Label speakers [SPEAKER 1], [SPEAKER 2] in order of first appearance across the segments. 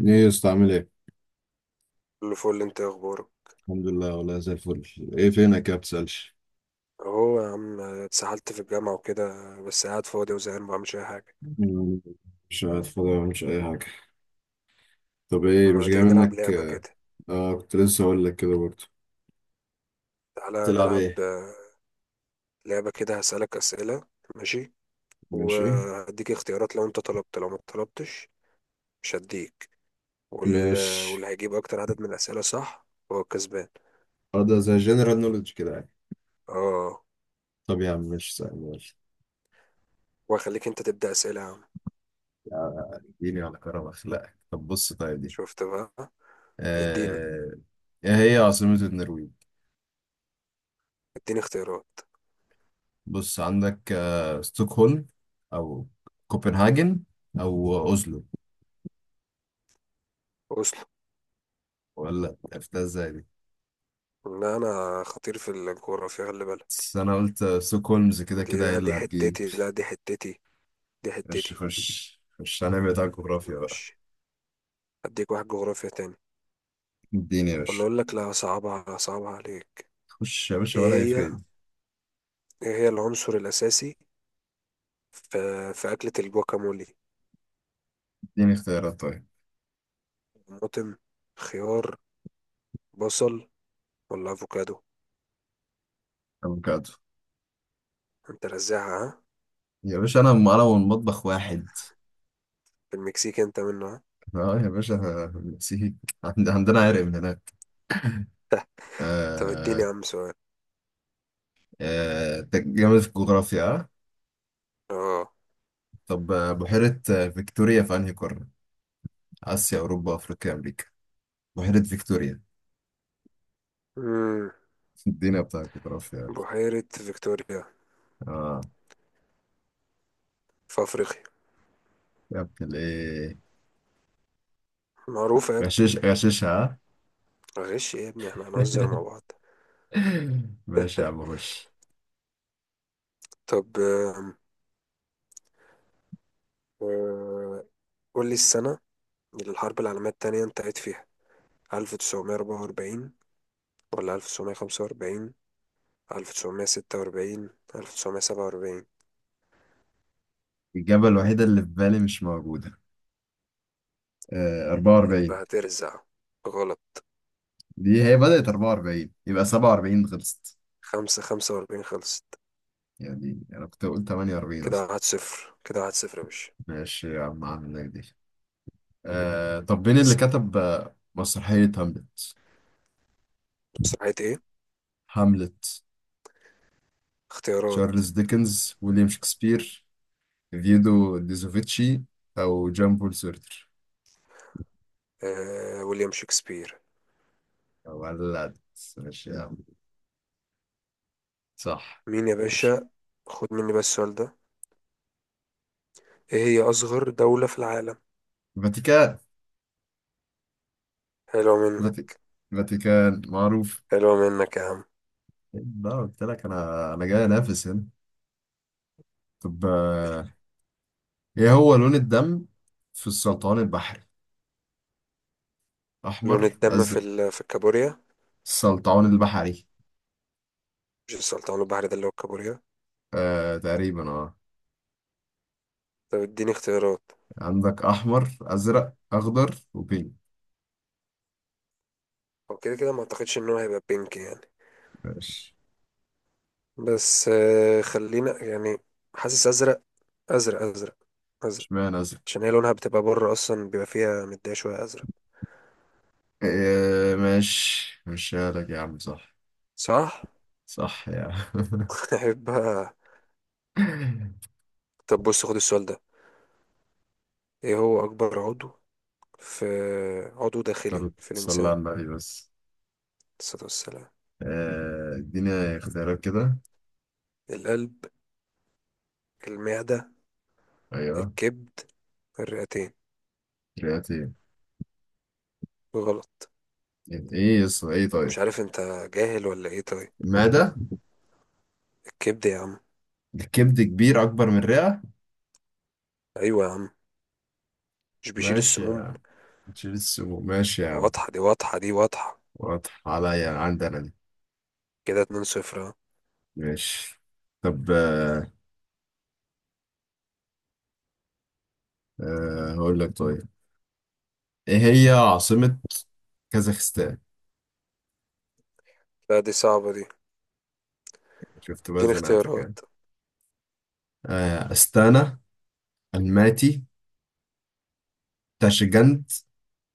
[SPEAKER 1] ايه يا اسطى عامل ايه؟
[SPEAKER 2] كله فل، انت ايه اخبارك؟
[SPEAKER 1] الحمد لله والله زي الفل. ايه فينك يا بتسألش؟
[SPEAKER 2] اهو يا عم اتسحلت في الجامعة وكده. بس قاعد فاضي وزهقان مبعملش اي حاجة.
[SPEAKER 1] مم، مش قاعد فاضي ولا مش اي حاجة. طب
[SPEAKER 2] طب
[SPEAKER 1] ايه مش
[SPEAKER 2] ما
[SPEAKER 1] جاي
[SPEAKER 2] تيجي نلعب
[SPEAKER 1] منك
[SPEAKER 2] لعبة
[SPEAKER 1] اه.
[SPEAKER 2] كده.
[SPEAKER 1] كنت لسه اقول لك كده برضه.
[SPEAKER 2] تعالى
[SPEAKER 1] تلعب ايه؟
[SPEAKER 2] نلعب لعبة كده، هسألك أسئلة. ماشي.
[SPEAKER 1] ماشي.
[SPEAKER 2] وهديك اختيارات، لو انت طلبت لو ما طلبتش مش هديك. وال...
[SPEAKER 1] مش
[SPEAKER 2] واللي هيجيب أكتر عدد من الأسئلة صح هو الكسبان.
[SPEAKER 1] اه ده زي جنرال نولج كده يعني.
[SPEAKER 2] اه.
[SPEAKER 1] طب يا عم مش سهل ماشي.
[SPEAKER 2] وهخليك انت تبدأ أسئلة يا عم.
[SPEAKER 1] يعني اديني على كرم اخلاقك. طب بص طيب دي
[SPEAKER 2] شفت بقى؟ اديني
[SPEAKER 1] آه... ايه هي عاصمة النرويج؟
[SPEAKER 2] اديني اختيارات.
[SPEAKER 1] بص عندك ستوكهولم او كوبنهاجن او اوزلو.
[SPEAKER 2] أصل
[SPEAKER 1] ولا عرفتها ازاي دي؟
[SPEAKER 2] لا، أنا خطير في الجغرافيا، خلي بالك.
[SPEAKER 1] بس انا قلت ستوكهولمز كده
[SPEAKER 2] دي
[SPEAKER 1] كده هي
[SPEAKER 2] لا،
[SPEAKER 1] اللي
[SPEAKER 2] دي
[SPEAKER 1] هتجيب.
[SPEAKER 2] حتتي، لا دي حتتي، دي
[SPEAKER 1] خش
[SPEAKER 2] حتتي.
[SPEAKER 1] خش خش، هنعمل بتاع
[SPEAKER 2] طب
[SPEAKER 1] الجغرافيا بقى.
[SPEAKER 2] ماشي. هديك واحد جغرافيا تاني،
[SPEAKER 1] اديني يا
[SPEAKER 2] ولا
[SPEAKER 1] باشا.
[SPEAKER 2] اقول لك لا، صعبها صعبها عليك.
[SPEAKER 1] خش يا باشا
[SPEAKER 2] ايه
[SPEAKER 1] ولا
[SPEAKER 2] هي
[SPEAKER 1] يفرق.
[SPEAKER 2] ايه هي العنصر الاساسي في في اكلة الجواكامولي؟
[SPEAKER 1] اديني اختيارات طيب.
[SPEAKER 2] طماطم، خيار، بصل، ولا افوكادو؟
[SPEAKER 1] افوكادو.
[SPEAKER 2] انت رزعها ها.
[SPEAKER 1] يا باشا انا معلم والمطبخ واحد.
[SPEAKER 2] في المكسيك انت منها.
[SPEAKER 1] اه يا باشا، نسيت. عندنا عرق من هناك.
[SPEAKER 2] طب
[SPEAKER 1] آه.
[SPEAKER 2] اديني يا عم سؤال.
[SPEAKER 1] آه جامد في الجغرافيا آه؟
[SPEAKER 2] اه.
[SPEAKER 1] طب بحيرة فيكتوريا في انهي قارة؟ آسيا، أوروبا، أفريقيا، أمريكا. بحيرة فيكتوريا.
[SPEAKER 2] امم
[SPEAKER 1] الدنيا بتاع الجغرافيا.
[SPEAKER 2] بحيرة فيكتوريا
[SPEAKER 1] اه
[SPEAKER 2] في افريقيا.
[SPEAKER 1] يا ابن الايه،
[SPEAKER 2] معروفة يا ابني.
[SPEAKER 1] غشش غششها.
[SPEAKER 2] غش إيه يا ابني، احنا هنهزر مع بعض.
[SPEAKER 1] ماشي يا عم خش.
[SPEAKER 2] طب آه، قول لي السنة اللي الحرب العالمية التانية انتهت فيها، ألف تسعمية أربعة وأربعين، ولا ألف تسعمية خمسة وأربعين، ألف تسعمية ستة وأربعين، ألف تسعمية سبعة وأربعين.
[SPEAKER 1] الإجابة الوحيدة اللي في بالي مش موجودة. 44.
[SPEAKER 2] يبقى هترزع. غلط.
[SPEAKER 1] دي هي بدأت 44 يبقى 47 خلصت.
[SPEAKER 2] خمسة وأربعين خلصت.
[SPEAKER 1] يعني أنا كنت أقول 48
[SPEAKER 2] كده
[SPEAKER 1] أصلا.
[SPEAKER 2] واحد صفر، كده واحد صفر يا باشا.
[SPEAKER 1] ماشي يا عم عندك دي. آه، طب مين اللي
[SPEAKER 2] اسأل.
[SPEAKER 1] كتب مسرحية هاملت؟
[SPEAKER 2] مسرحية إيه؟
[SPEAKER 1] هاملت.
[SPEAKER 2] اختيارات.
[SPEAKER 1] تشارلز ديكنز، ويليام شكسبير، فيدو ديزوفيتشي، أو جان بول سورتر.
[SPEAKER 2] ويليام شكسبير.
[SPEAKER 1] ولد. ماشي يا عم، صح.
[SPEAKER 2] مين يا
[SPEAKER 1] خش.
[SPEAKER 2] باشا؟ خد مني بس السؤال ده. إيه هي أصغر دولة في العالم؟
[SPEAKER 1] فاتيكان.
[SPEAKER 2] حلوة
[SPEAKER 1] فاتي-
[SPEAKER 2] منك.
[SPEAKER 1] فاتيكان معروف.
[SPEAKER 2] حلوة منك يا عم.
[SPEAKER 1] لا قلت لك، انا جاي انافس هنا. طب ايه هو لون الدم في السلطعون البحري؟ احمر،
[SPEAKER 2] لون الدم
[SPEAKER 1] ازرق.
[SPEAKER 2] في الكابوريا.
[SPEAKER 1] السلطعون البحري.
[SPEAKER 2] مش السلطان البحري ده اللي هو الكابوريا؟
[SPEAKER 1] آه تقريبا اه.
[SPEAKER 2] طب اديني اختيارات.
[SPEAKER 1] عندك احمر، ازرق، اخضر وبينك.
[SPEAKER 2] هو كده كده ما اعتقدش ان هو هيبقى بينك يعني.
[SPEAKER 1] ماشي.
[SPEAKER 2] بس خلينا يعني. حاسس ازرق. ازرق، ازرق، ازرق.
[SPEAKER 1] اشمعنى ازرق.
[SPEAKER 2] عشان هي لونها بتبقى بره اصلا بيبقى فيها مديه شويه ازرق.
[SPEAKER 1] آه ماشي، ماشي لك يا عم صح.
[SPEAKER 2] صح.
[SPEAKER 1] صح يا عم.
[SPEAKER 2] هيبقى. طب بص، خد السؤال ده. ايه هو اكبر عضو في عضو داخلي في الانسان،
[SPEAKER 1] صلى
[SPEAKER 2] عليه
[SPEAKER 1] على النبي بس.
[SPEAKER 2] الصلاة والسلام؟
[SPEAKER 1] اديني اختيارات كده.
[SPEAKER 2] القلب، المعده،
[SPEAKER 1] ايوه.
[SPEAKER 2] الكبد، الرئتين.
[SPEAKER 1] كرياتين.
[SPEAKER 2] غلط.
[SPEAKER 1] ايه يس ايه
[SPEAKER 2] مش
[SPEAKER 1] طيب.
[SPEAKER 2] عارف، انت جاهل ولا ايه طيب؟
[SPEAKER 1] المعدة.
[SPEAKER 2] الكبد يا عم.
[SPEAKER 1] الكبد كبير أكبر من الرئة.
[SPEAKER 2] ايوه يا عم، مش بيشيل
[SPEAKER 1] ماشي
[SPEAKER 2] السموم؟
[SPEAKER 1] يا، شيل السموم ماشي يا عم.
[SPEAKER 2] واضحه دي، واضحه دي، واضحه.
[SPEAKER 1] واضح عليا عندنا دي.
[SPEAKER 2] كده، 2-0 اهو.
[SPEAKER 1] ماشي. طب آه. آه هقول لك طيب. إيه هي عاصمة كازاخستان؟
[SPEAKER 2] لا دي صعبة دي.
[SPEAKER 1] شفت بقى
[SPEAKER 2] اديني
[SPEAKER 1] زنقتك يعني.
[SPEAKER 2] اختيارات.
[SPEAKER 1] آه أستانا، الماتي، تاشجنت،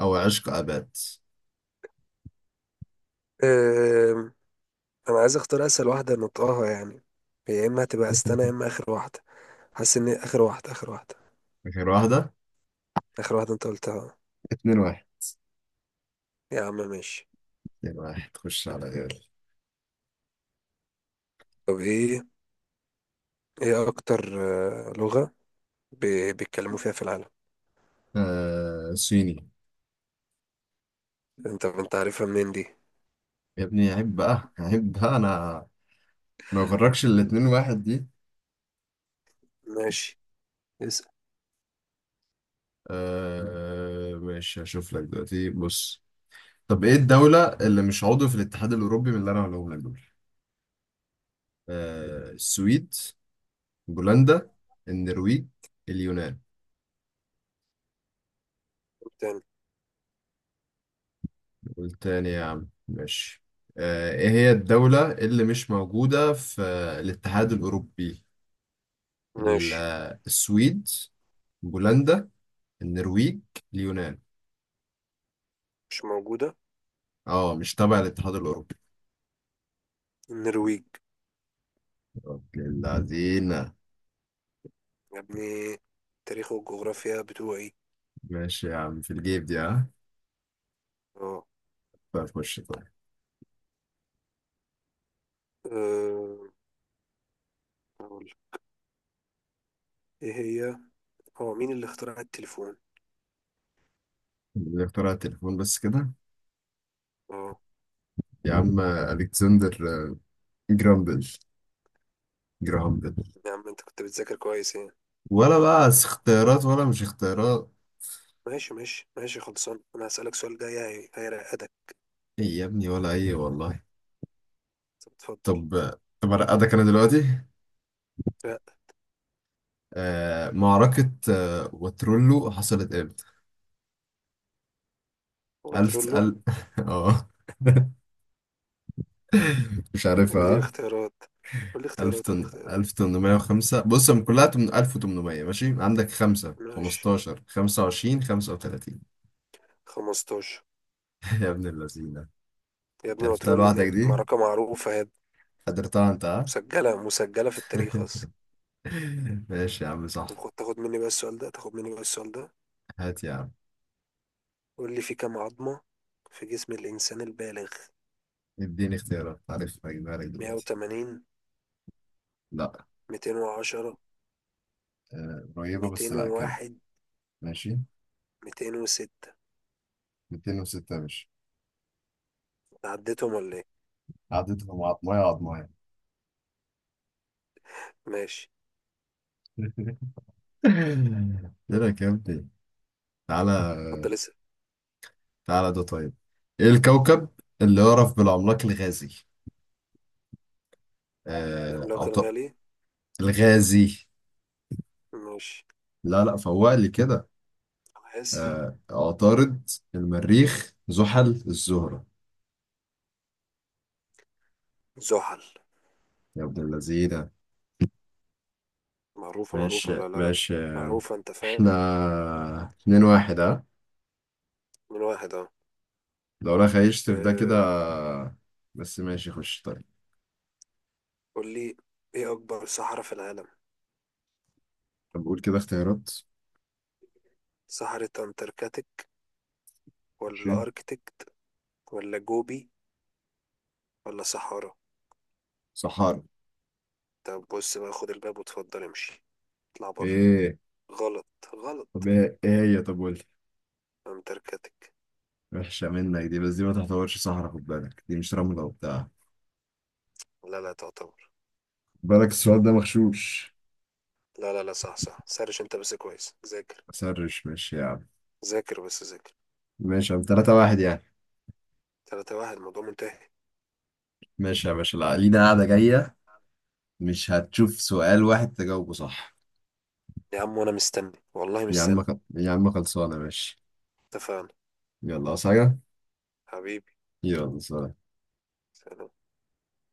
[SPEAKER 1] أو عشق أباد.
[SPEAKER 2] أم... انا عايز اختار اسهل واحدة نطقها يعني. هي يا اما هتبقى استنى، يا اما اخر واحدة. حاسس ان اخر واحدة، اخر واحدة.
[SPEAKER 1] آخر واحدة.
[SPEAKER 2] اخر واحدة انت قلتها.
[SPEAKER 1] اتنين واحد.
[SPEAKER 2] يا عم ماشي.
[SPEAKER 1] اتنين واحد، خش على غيري.
[SPEAKER 2] طب ايه، اكتر لغة ب... بيتكلموا فيها في العالم؟
[SPEAKER 1] آه صيني.
[SPEAKER 2] انت عارفها منين دي؟
[SPEAKER 1] يا ابني عيب بقى، عيب بقى. أنا ما يغركش الاتنين واحد دي.
[SPEAKER 2] ماشي، اسأل.
[SPEAKER 1] آه ماشي، هشوف لك دلوقتي بص. طب ايه الدولة اللي مش عضو في الاتحاد الأوروبي من اللي أنا هقولهم لك دول؟ السويد، بولندا، النرويج، اليونان.
[SPEAKER 2] تاني.
[SPEAKER 1] والتاني يا عم ماشي. آه ايه هي الدولة اللي مش موجودة في الاتحاد الأوروبي؟
[SPEAKER 2] ماشي.
[SPEAKER 1] السويد، بولندا، النرويج، اليونان.
[SPEAKER 2] مش موجودة،
[SPEAKER 1] اه مش تبع الاتحاد الأوروبي.
[SPEAKER 2] النرويج.
[SPEAKER 1] اوكي العزيمة.
[SPEAKER 2] يا ابني، تاريخ والجغرافيا بتوعي.
[SPEAKER 1] ماشي يا عم في الجيب دي ها.
[SPEAKER 2] اه.
[SPEAKER 1] فخش.
[SPEAKER 2] أه، أقول ايه هي، هو مين اللي اخترع التليفون؟
[SPEAKER 1] اللي اخترع التليفون بس كده.
[SPEAKER 2] اه.
[SPEAKER 1] يا عم الكسندر جرامبل جرامبل.
[SPEAKER 2] يا عم انت كنت بتذاكر كويس يعني.
[SPEAKER 1] ولا بقى اختيارات ولا مش اختيارات.
[SPEAKER 2] ماشي، ماشي، ماشي. خلصان، انا هسألك سؤال جاي هيرقدك.
[SPEAKER 1] ايه يا ابني ولا ايه والله.
[SPEAKER 2] طب اتفضل.
[SPEAKER 1] طب. طب ارقدك انا دلوقتي.
[SPEAKER 2] لا.
[SPEAKER 1] آه، معركة واترولو حصلت امتى؟
[SPEAKER 2] هو تقول
[SPEAKER 1] ألف
[SPEAKER 2] له.
[SPEAKER 1] ألف اه. مش
[SPEAKER 2] قول لي
[SPEAKER 1] عارفها.
[SPEAKER 2] اختيارات، قول لي اختيارات، قول لي اختيارات.
[SPEAKER 1] 1805، بص هم كلها 1800، ماشي عندك 5،
[SPEAKER 2] ماشي.
[SPEAKER 1] 15، 25، 35.
[SPEAKER 2] 15.
[SPEAKER 1] يا ابن اللذينة.
[SPEAKER 2] يا ابني
[SPEAKER 1] عرفتها
[SPEAKER 2] وترولو دي
[SPEAKER 1] لوحدك دي؟
[SPEAKER 2] معركة معروفة هي،
[SPEAKER 1] قدرتها انت آه؟
[SPEAKER 2] مسجلة، مسجلة في التاريخ أصلا.
[SPEAKER 1] ماشي يا عم
[SPEAKER 2] طب
[SPEAKER 1] صح.
[SPEAKER 2] تاخد مني بقى السؤال ده، تاخد مني بقى السؤال ده.
[SPEAKER 1] هات يا عم.
[SPEAKER 2] قول لي، في كام عظمة في جسم الإنسان البالغ؟
[SPEAKER 1] اديني اختيارات، عارف هجيبها لك دلوقتي.
[SPEAKER 2] 180،
[SPEAKER 1] لا.
[SPEAKER 2] 210،
[SPEAKER 1] قريبة بس لا كمل.
[SPEAKER 2] 201،
[SPEAKER 1] ماشي.
[SPEAKER 2] 206؟
[SPEAKER 1] 206 يا باشا.
[SPEAKER 2] عديتهم ولا ايه؟
[SPEAKER 1] عددهم عضماية عضماية.
[SPEAKER 2] ماشي.
[SPEAKER 1] لا كمل. تعالى.
[SPEAKER 2] اتفضل اسأل.
[SPEAKER 1] تعالى ده طيب. ايه الكوكب اللي يعرف بالعملاق الغازي؟ آه
[SPEAKER 2] العملاق
[SPEAKER 1] عط...
[SPEAKER 2] الغالي؟
[SPEAKER 1] الغازي.
[SPEAKER 2] ماشي.
[SPEAKER 1] لا لا، فوق لي كده.
[SPEAKER 2] أنا آسف.
[SPEAKER 1] آه عطارد، المريخ، زحل، الزهرة.
[SPEAKER 2] زحل.
[SPEAKER 1] يا ابن اللذينة.
[SPEAKER 2] معروفة، معروفة،
[SPEAKER 1] ماشي
[SPEAKER 2] لا لا لا.
[SPEAKER 1] ماشي.
[SPEAKER 2] معروفة، انت
[SPEAKER 1] احنا
[SPEAKER 2] فاهم.
[SPEAKER 1] اتنين واحد ها.
[SPEAKER 2] من واحد، اه.
[SPEAKER 1] لو رايح هيشتف ده
[SPEAKER 2] أم،
[SPEAKER 1] كده. بس ماشي خش طيب.
[SPEAKER 2] قول لي ايه أكبر صحراء في العالم؟
[SPEAKER 1] طب قول كده اختيارات.
[SPEAKER 2] صحراء أنتاركتيك،
[SPEAKER 1] ماشي.
[SPEAKER 2] ولا أركتيك، ولا جوبي، ولا صحارى؟
[SPEAKER 1] صحارى.
[SPEAKER 2] طب بص بقى، خد الباب واتفضل امشي. اطلع بره.
[SPEAKER 1] ايه؟
[SPEAKER 2] غلط،
[SPEAKER 1] طب
[SPEAKER 2] غلط.
[SPEAKER 1] ايه ايه هي؟ طب قول لي.
[SPEAKER 2] أنتاركتيك.
[SPEAKER 1] وحشة منك دي، بس دي ما تعتبرش صحرا، خد بالك دي مش رملة وبتاع.
[SPEAKER 2] لا لا، تعتبر.
[SPEAKER 1] خد بالك السؤال ده مغشوش.
[SPEAKER 2] لا لا لا، صح، صح. سرش انت بس كويس، ذاكر.
[SPEAKER 1] سرش ماشي يا عم.
[SPEAKER 2] ذاكر بس ذاكر.
[SPEAKER 1] ماشي يا عم، تلاتة واحد يعني.
[SPEAKER 2] تلاتة واحد، الموضوع منتهي.
[SPEAKER 1] ماشي يا باشا، لا لينا قاعدة جاية. مش هتشوف سؤال واحد تجاوبه صح.
[SPEAKER 2] يا عم وانا مستني، والله
[SPEAKER 1] يا عم
[SPEAKER 2] مستني.
[SPEAKER 1] يا عم خلصانة ماشي.
[SPEAKER 2] اتفقنا.
[SPEAKER 1] يلا عاوز حاجة.
[SPEAKER 2] حبيبي.
[SPEAKER 1] يلا سلام.
[SPEAKER 2] سلام.